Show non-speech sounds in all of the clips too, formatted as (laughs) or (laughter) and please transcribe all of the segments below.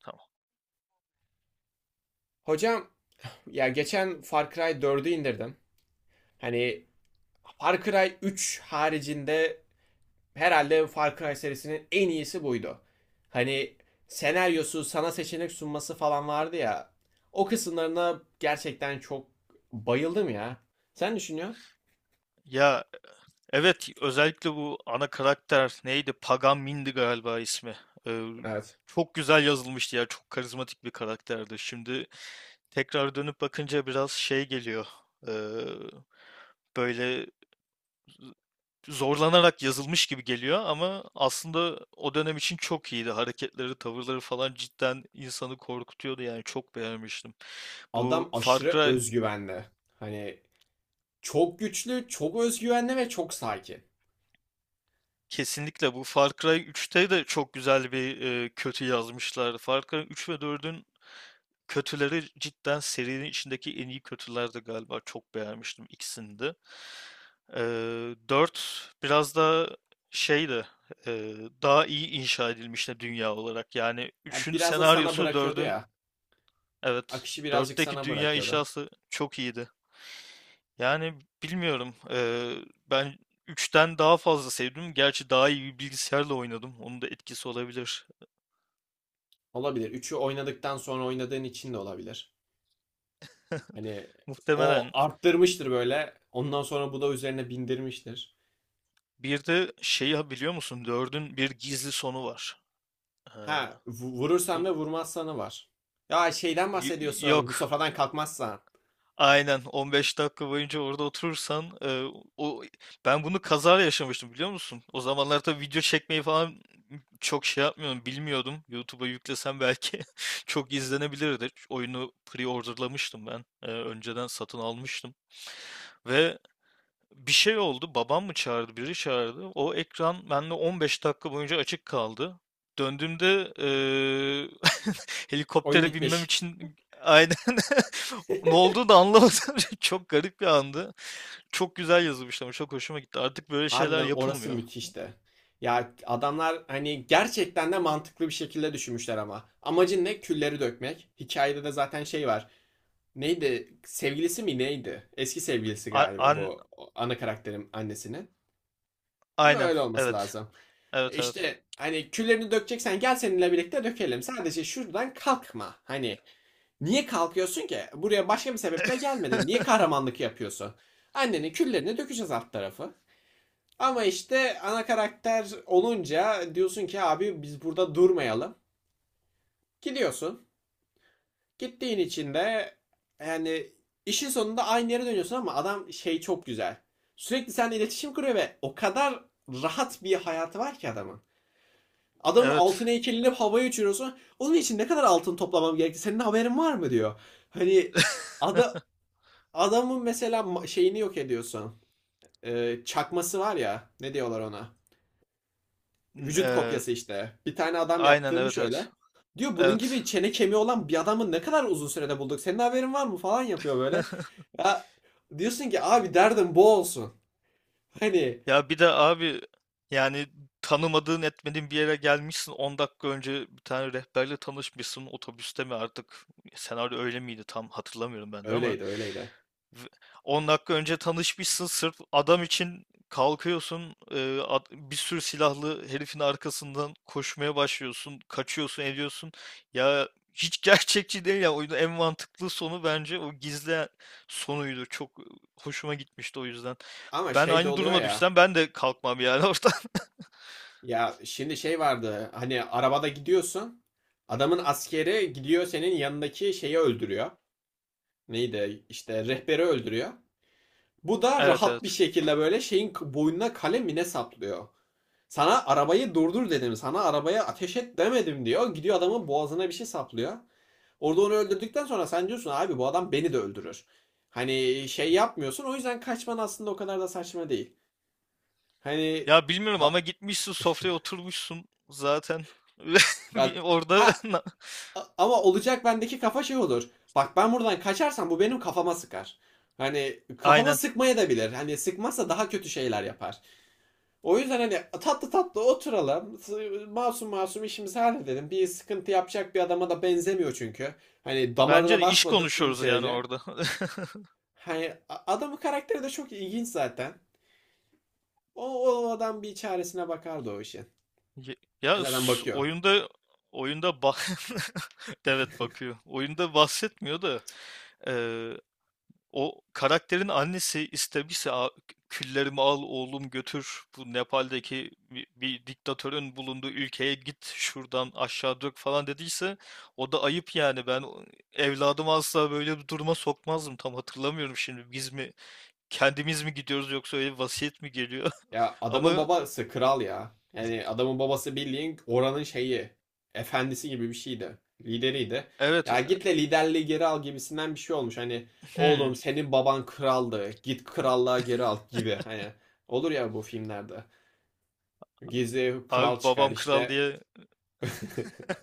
Tamam. Hocam ya geçen Far Cry 4'ü indirdim. Hani Far Cry 3 haricinde herhalde Far Cry serisinin en iyisi buydu. Hani senaryosu, sana seçenek sunması falan vardı ya. O kısımlarına gerçekten çok bayıldım ya. Sen düşünüyorsun? Ya evet özellikle bu ana karakter neydi? Pagan Mindi galiba ismi. Ee, Evet. çok güzel yazılmıştı ya. Çok karizmatik bir karakterdi. Şimdi tekrar dönüp bakınca biraz şey geliyor. Ee, böyle zorlanarak yazılmış gibi geliyor ama aslında o dönem için çok iyiydi. Hareketleri, tavırları falan cidden insanı korkutuyordu yani çok beğenmiştim. Bu Adam Far aşırı Cry özgüvenli. Hani çok güçlü, çok özgüvenli ve çok sakin. kesinlikle bu Far Cry 3'te de çok güzel bir kötü yazmışlardı. Far Cry 3 ve 4'ün kötüleri cidden serinin içindeki en iyi kötülerdi galiba. Çok beğenmiştim ikisini de. Ee, 4 biraz da şeydi, e, daha iyi inşa edilmişti dünya olarak. Yani Ya 3'ün biraz da sana senaryosu bırakıyordu 4'ün. ya. Evet, Akışı birazcık 4'teki sana dünya bırakıyordu. inşası çok iyiydi. Yani bilmiyorum. Ben 3'ten daha fazla sevdim. Gerçi daha iyi bir bilgisayarla oynadım. Onun da etkisi olabilir. Olabilir. Üçü oynadıktan sonra oynadığın için de olabilir. Hani o Muhtemelen. arttırmıştır böyle. Ondan sonra bu da üzerine bindirmiştir. Bir de şeyi biliyor musun? 4'ün bir gizli sonu var. Eee, Ha, vurursan bu- ve vurmazsanı var. Ya şeyden y- bahsediyorsun. Bu Yok. sofradan kalkmazsan. Aynen 15 dakika boyunca orada oturursan e, o ben bunu kaza yaşamıştım biliyor musun? O zamanlar tabii video çekmeyi falan çok şey yapmıyorum bilmiyordum. YouTube'a yüklesem belki (laughs) çok izlenebilirdi. Oyunu pre-orderlamıştım ben. E, önceden satın almıştım ve bir şey oldu. Babam mı çağırdı, biri çağırdı. O ekran bende 15 dakika boyunca açık kaldı. Döndüğümde (laughs) Oyun helikoptere binmem bitmiş. için aynen (laughs) ne olduğunu da anlamadım. (laughs) Çok garip bir andı. Çok güzel yazılmış ama çok hoşuma gitti. Artık böyle şeyler Harbiden orası yapılmıyor. müthişti. Ya adamlar hani gerçekten de mantıklı bir şekilde düşünmüşler ama. Amacın ne? Külleri dökmek. Hikayede de zaten şey var. Neydi? Sevgilisi mi neydi? Eski sevgilisi A- galiba an- bu ana karakterin annesinin. Değil mi? aynen. Öyle olması Evet. lazım. E Evet, evet. İşte hani küllerini dökeceksen gel seninle birlikte dökelim. Sadece şuradan kalkma. Hani niye kalkıyorsun ki? Buraya başka bir sebeple gelmedin. Niye (laughs) kahramanlık yapıyorsun? Annenin küllerini dökeceğiz alt tarafı. Ama işte ana karakter olunca diyorsun ki abi biz burada durmayalım. Gidiyorsun. Gittiğin için de yani işin sonunda aynı yere dönüyorsun ama adam şey çok güzel. Sürekli seninle iletişim kuruyor ve o kadar rahat bir hayatı var ki adamın. Adamın altın Evet. heykelini havaya uçuruyorsun. Onun için ne kadar altın toplamam gerekti? Senin haberin var mı diyor. Hani ada, (laughs) adamın mesela şeyini yok ediyorsun. Çakması var ya. Ne diyorlar ona? Vücut Eee, kopyası işte. Bir tane adam aynen, yaptırmış evet, evet. öyle. Diyor bunun Evet. gibi çene kemiği olan bir adamı ne kadar uzun sürede bulduk. Senin haberin var mı falan yapıyor böyle. (laughs) Ya diyorsun ki abi derdim bu olsun. Hani Ya bir de abi, yani tanımadığın etmediğin bir yere gelmişsin, 10 dakika önce bir tane rehberle tanışmışsın, otobüste mi artık, senaryo öyle miydi tam hatırlamıyorum ben de, ama öyleydi öyleydi. V- 10 dakika önce tanışmışsın, sırf adam için kalkıyorsun, bir sürü silahlı herifin arkasından koşmaya başlıyorsun, kaçıyorsun ediyorsun ya, hiç (laughs) gerçekçi değil ya. Oyunun en mantıklı sonu bence o gizli sonuydu, çok hoşuma gitmişti o yüzden. Ama Ben şey de aynı oluyor duruma ya. düşsem ben de kalkmam yani oradan. (laughs) Ya şimdi şey vardı. Hani arabada gidiyorsun. Adamın askeri gidiyor senin yanındaki şeyi öldürüyor. Neydi? İşte rehberi öldürüyor. Bu da Evet, rahat bir evet. şekilde böyle şeyin boynuna kalem mi ne saplıyor. Sana arabayı durdur dedim. Sana arabaya ateş et demedim diyor. Gidiyor adamın boğazına bir şey saplıyor. Orada onu öldürdükten sonra sen diyorsun abi bu adam beni de öldürür. Hani şey yapmıyorsun. O yüzden kaçman aslında o kadar da saçma değil. Hani Ya bilmiyorum, ha, ama gitmişsin sofraya oturmuşsun zaten. (laughs) Ve bir ya, orada ha (laughs) ama olacak bendeki kafa şey olur. Bak ben buradan kaçarsam bu benim kafama sıkar. Hani kafama aynen. sıkmaya da bilir. Hani sıkmazsa daha kötü şeyler yapar. O yüzden hani tatlı tatlı oturalım. Masum masum işimizi halledelim. Bir sıkıntı yapacak bir adama da benzemiyor çünkü. Hani Bence damarına de iş basmadığın konuşuyoruz yani şeyce. orada. Hani adamın karakteri de çok ilginç zaten. O adam bir çaresine bakardı o işin. (laughs) Ye- E zaten bakıyor. Oyunda oyunda bah (laughs) evet, bakıyor. Oyunda bahsetmiyor da, o karakterin annesi istemişse, küllerimi al oğlum, götür bu Nepal'deki bir diktatörün bulunduğu ülkeye git, şuradan aşağı dök" falan dediyse o da ayıp yani. Ben evladımı asla böyle bir duruma sokmazdım. Tam hatırlamıyorum şimdi, biz mi, kendimiz mi gidiyoruz, yoksa öyle bir vasiyet mi geliyor. Ya (laughs) adamın Ama babası kral ya. Yani adamın babası bildiğin oranın şeyi. Efendisi gibi bir şeydi. Lideriydi. evet, Ya git de liderliği geri al gibisinden bir şey olmuş. Hani hmm, oğlum senin baban kraldı. Git krallığa geri al gibi. Hani olur ya bu filmlerde. Gizli kral abi çıkar babam kral işte. diye. (laughs)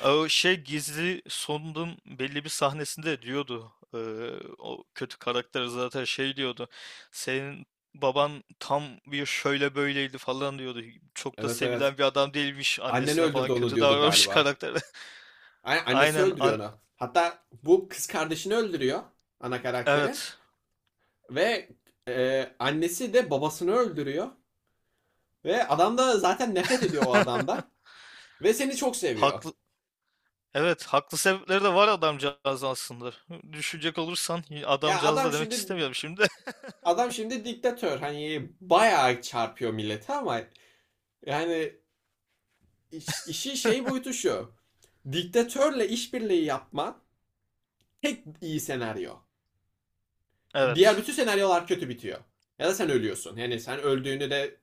O şey, gizli sonunun belli bir sahnesinde diyordu. O kötü karakter zaten şey diyordu. Senin baban tam bir şöyle böyleydi falan diyordu. Çok da Evet evet. sevilen bir adam değilmiş, Annen annesine falan öldürdü onu kötü diyordu davranmış galiba. karakter. (laughs) A- Annesi Aynen, öldürüyor onu. Hatta bu kız kardeşini öldürüyor ana karakterin evet. ve annesi de babasını öldürüyor. Ve adam da zaten nefret ediyor o (laughs) adamda. Ve seni çok seviyor. Haklı Evet, haklı sebepleri de var adamcağız aslında. Düşünecek olursan Ya adamcağız adam da demek şimdi istemiyorum şimdi. (laughs) Diktatör. Hani bayağı çarpıyor millete ama yani işi şey boyutu şu. Diktatörle işbirliği yapma tek iyi senaryo. Diğer Evet. bütün senaryolar kötü bitiyor. Ya da sen ölüyorsun. Yani sen öldüğünü de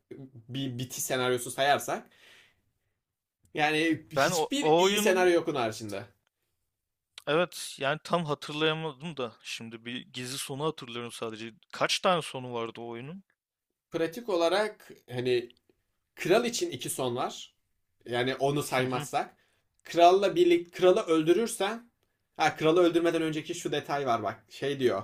bir bitiş senaryosu sayarsak. Yani Ben o, hiçbir o iyi oyunun. senaryo yok onun haricinde. Evet yani tam hatırlayamadım da şimdi, bir gizli sonu hatırlıyorum sadece. Kaç tane sonu vardı o oyunun? Pratik olarak hani kral için iki son var. Yani onu Hı hı. saymazsak. Kralla birlikte kralı öldürürsen ha kralı öldürmeden önceki şu detay var bak. Şey diyor.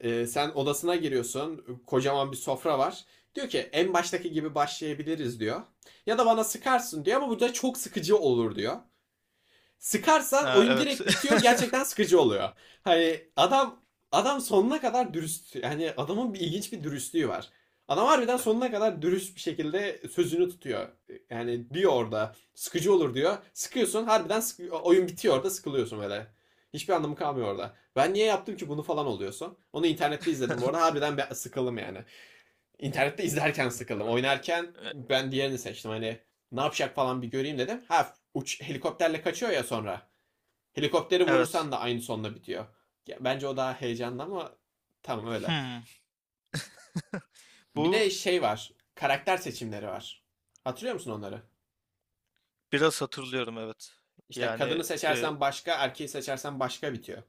Sen odasına giriyorsun. Kocaman bir sofra var. Diyor ki en baştaki gibi başlayabiliriz diyor. Ya da bana sıkarsın diyor ama bu çok sıkıcı olur diyor. Sıkarsan Ha, oyun evet. direkt bitiyor. Gerçekten sıkıcı oluyor. Hani adam sonuna kadar dürüst. Yani adamın bir ilginç bir dürüstlüğü var. Adam harbiden sonuna kadar dürüst bir şekilde sözünü tutuyor. Yani diyor orada sıkıcı olur diyor. Sıkıyorsun harbiden oyun bitiyor orada sıkılıyorsun böyle. Hiçbir anlamı kalmıyor orada. Ben niye yaptım ki bunu falan oluyorsun. Onu internette izledim bu arada (laughs) harbiden ben sıkıldım yani. İnternette izlerken sıkıldım. E- Oynarken e- ben diğerini seçtim hani ne yapacak falan bir göreyim dedim. Ha uç helikopterle kaçıyor ya sonra. Helikopteri Evet. vurursan da aynı sonla bitiyor. Ya, bence o daha heyecanlı ama tamam öyle. Hmm. (laughs) Bir de Bu şey var. Karakter seçimleri var. Hatırlıyor musun onları? biraz hatırlıyorum, evet. İşte kadını Yani seçersen başka, erkeği seçersen başka bitiyor.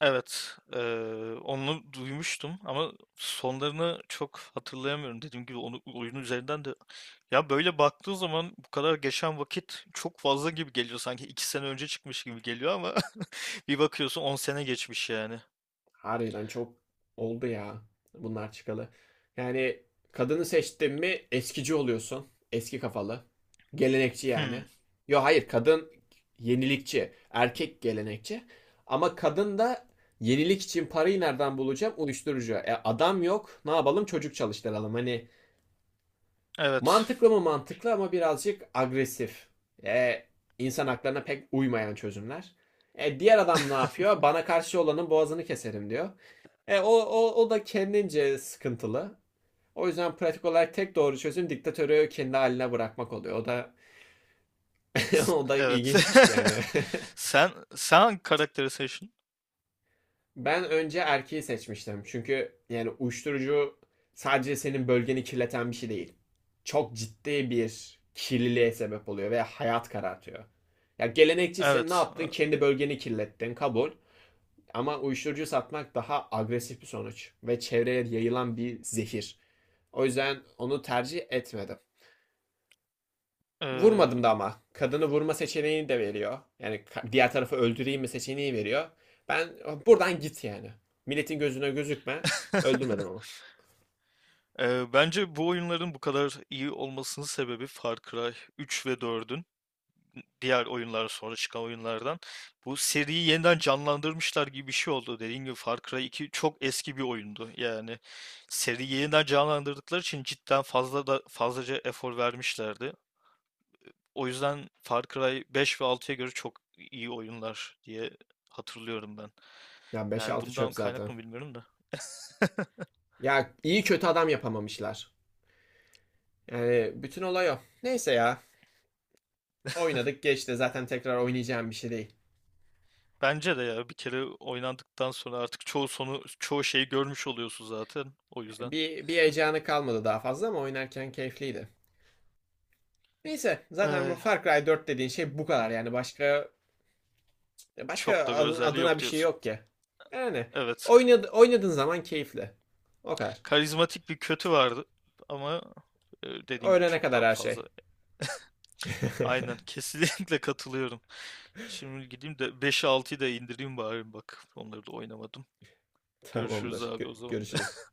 evet, onu duymuştum ama sonlarını çok hatırlayamıyorum. Dediğim gibi onu oyunun üzerinden de, ya böyle baktığın zaman bu kadar geçen vakit çok fazla gibi geliyor, sanki 2 sene önce çıkmış gibi geliyor ama (laughs) bir bakıyorsun 10 sene geçmiş yani. Harbiden çok oldu ya bunlar çıkalı. Yani kadını seçtin mi eskici oluyorsun. Eski kafalı. Gelenekçi Hmm, yani. Yo hayır kadın yenilikçi. Erkek gelenekçi. Ama kadın da yenilik için parayı nereden bulacağım? Uyuşturucu. E, adam yok. Ne yapalım? Çocuk çalıştıralım. Hani evet. mantıklı mı mantıklı ama birazcık agresif. E, insan haklarına pek uymayan çözümler. E, diğer adam ne (laughs) yapıyor? Bana karşı olanın boğazını keserim diyor. E, o da kendince sıkıntılı. O yüzden pratik olarak tek doğru çözüm diktatörü kendi haline bırakmak oluyor. O da (laughs) o da Evet. ilginç bir şey yani. (laughs) (laughs) Sen sen hangi karakteri seçtin? Ben önce erkeği seçmiştim. Çünkü yani uyuşturucu sadece senin bölgeni kirleten bir şey değil. Çok ciddi bir kirliliğe sebep oluyor ve hayat karartıyor. Ya gelenekçisin, ne Evet. yaptın? Kendi bölgeni kirlettin, kabul. Ama uyuşturucu satmak daha agresif bir sonuç ve çevreye yayılan bir zehir. O yüzden onu tercih etmedim. Eee, Vurmadım da ama. Kadını vurma seçeneğini de veriyor. Yani diğer tarafı öldüreyim mi seçeneği veriyor. Ben buradan git yani. Milletin gözüne gözükme. (laughs) Öldürmedim ama. Bence bu oyunların bu kadar iyi olmasının sebebi Far Cry 3 ve 4'ün diğer oyunlar sonra çıkan oyunlardan. Bu seriyi yeniden canlandırmışlar gibi bir şey oldu. Dediğim gibi Far Cry 2 çok eski bir oyundu. Yani seriyi yeniden canlandırdıkları için cidden fazla da fazlaca efor vermişlerdi. O yüzden Far Cry 5 ve 6'ya göre çok iyi oyunlar diye hatırlıyorum ben. Ya beş Yani altı bundan çöp kaynak zaten. mı bilmiyorum da. Ya iyi kötü adam yapamamışlar. Yani bütün olay o. Neyse ya. Oynadık geçti. Zaten tekrar oynayacağım bir şey değil. Bence de ya bir kere oynandıktan sonra artık çoğu sonu çoğu şeyi görmüş oluyorsun zaten. O yüzden Bir heyecanı kalmadı daha fazla ama oynarken keyifliydi. Neyse zaten bu eh, Far Cry 4 dediğin şey bu kadar yani başka. Ya çok başka da bir özelliği adına yok bir şey diyorsun. yok ki. Yani Evet, oynadığın zaman keyifli. O kadar. karizmatik bir kötü vardı ama dediğin gibi Öğlene çok kadar da her şey. fazla. Aynen (laughs) kesinlikle (laughs) katılıyorum. Şimdi gideyim de 5'i 6'yı da indireyim bari bak. Onları da oynamadım. Görüşürüz Tamamdır. abi o Gö- zaman. görüşürüz.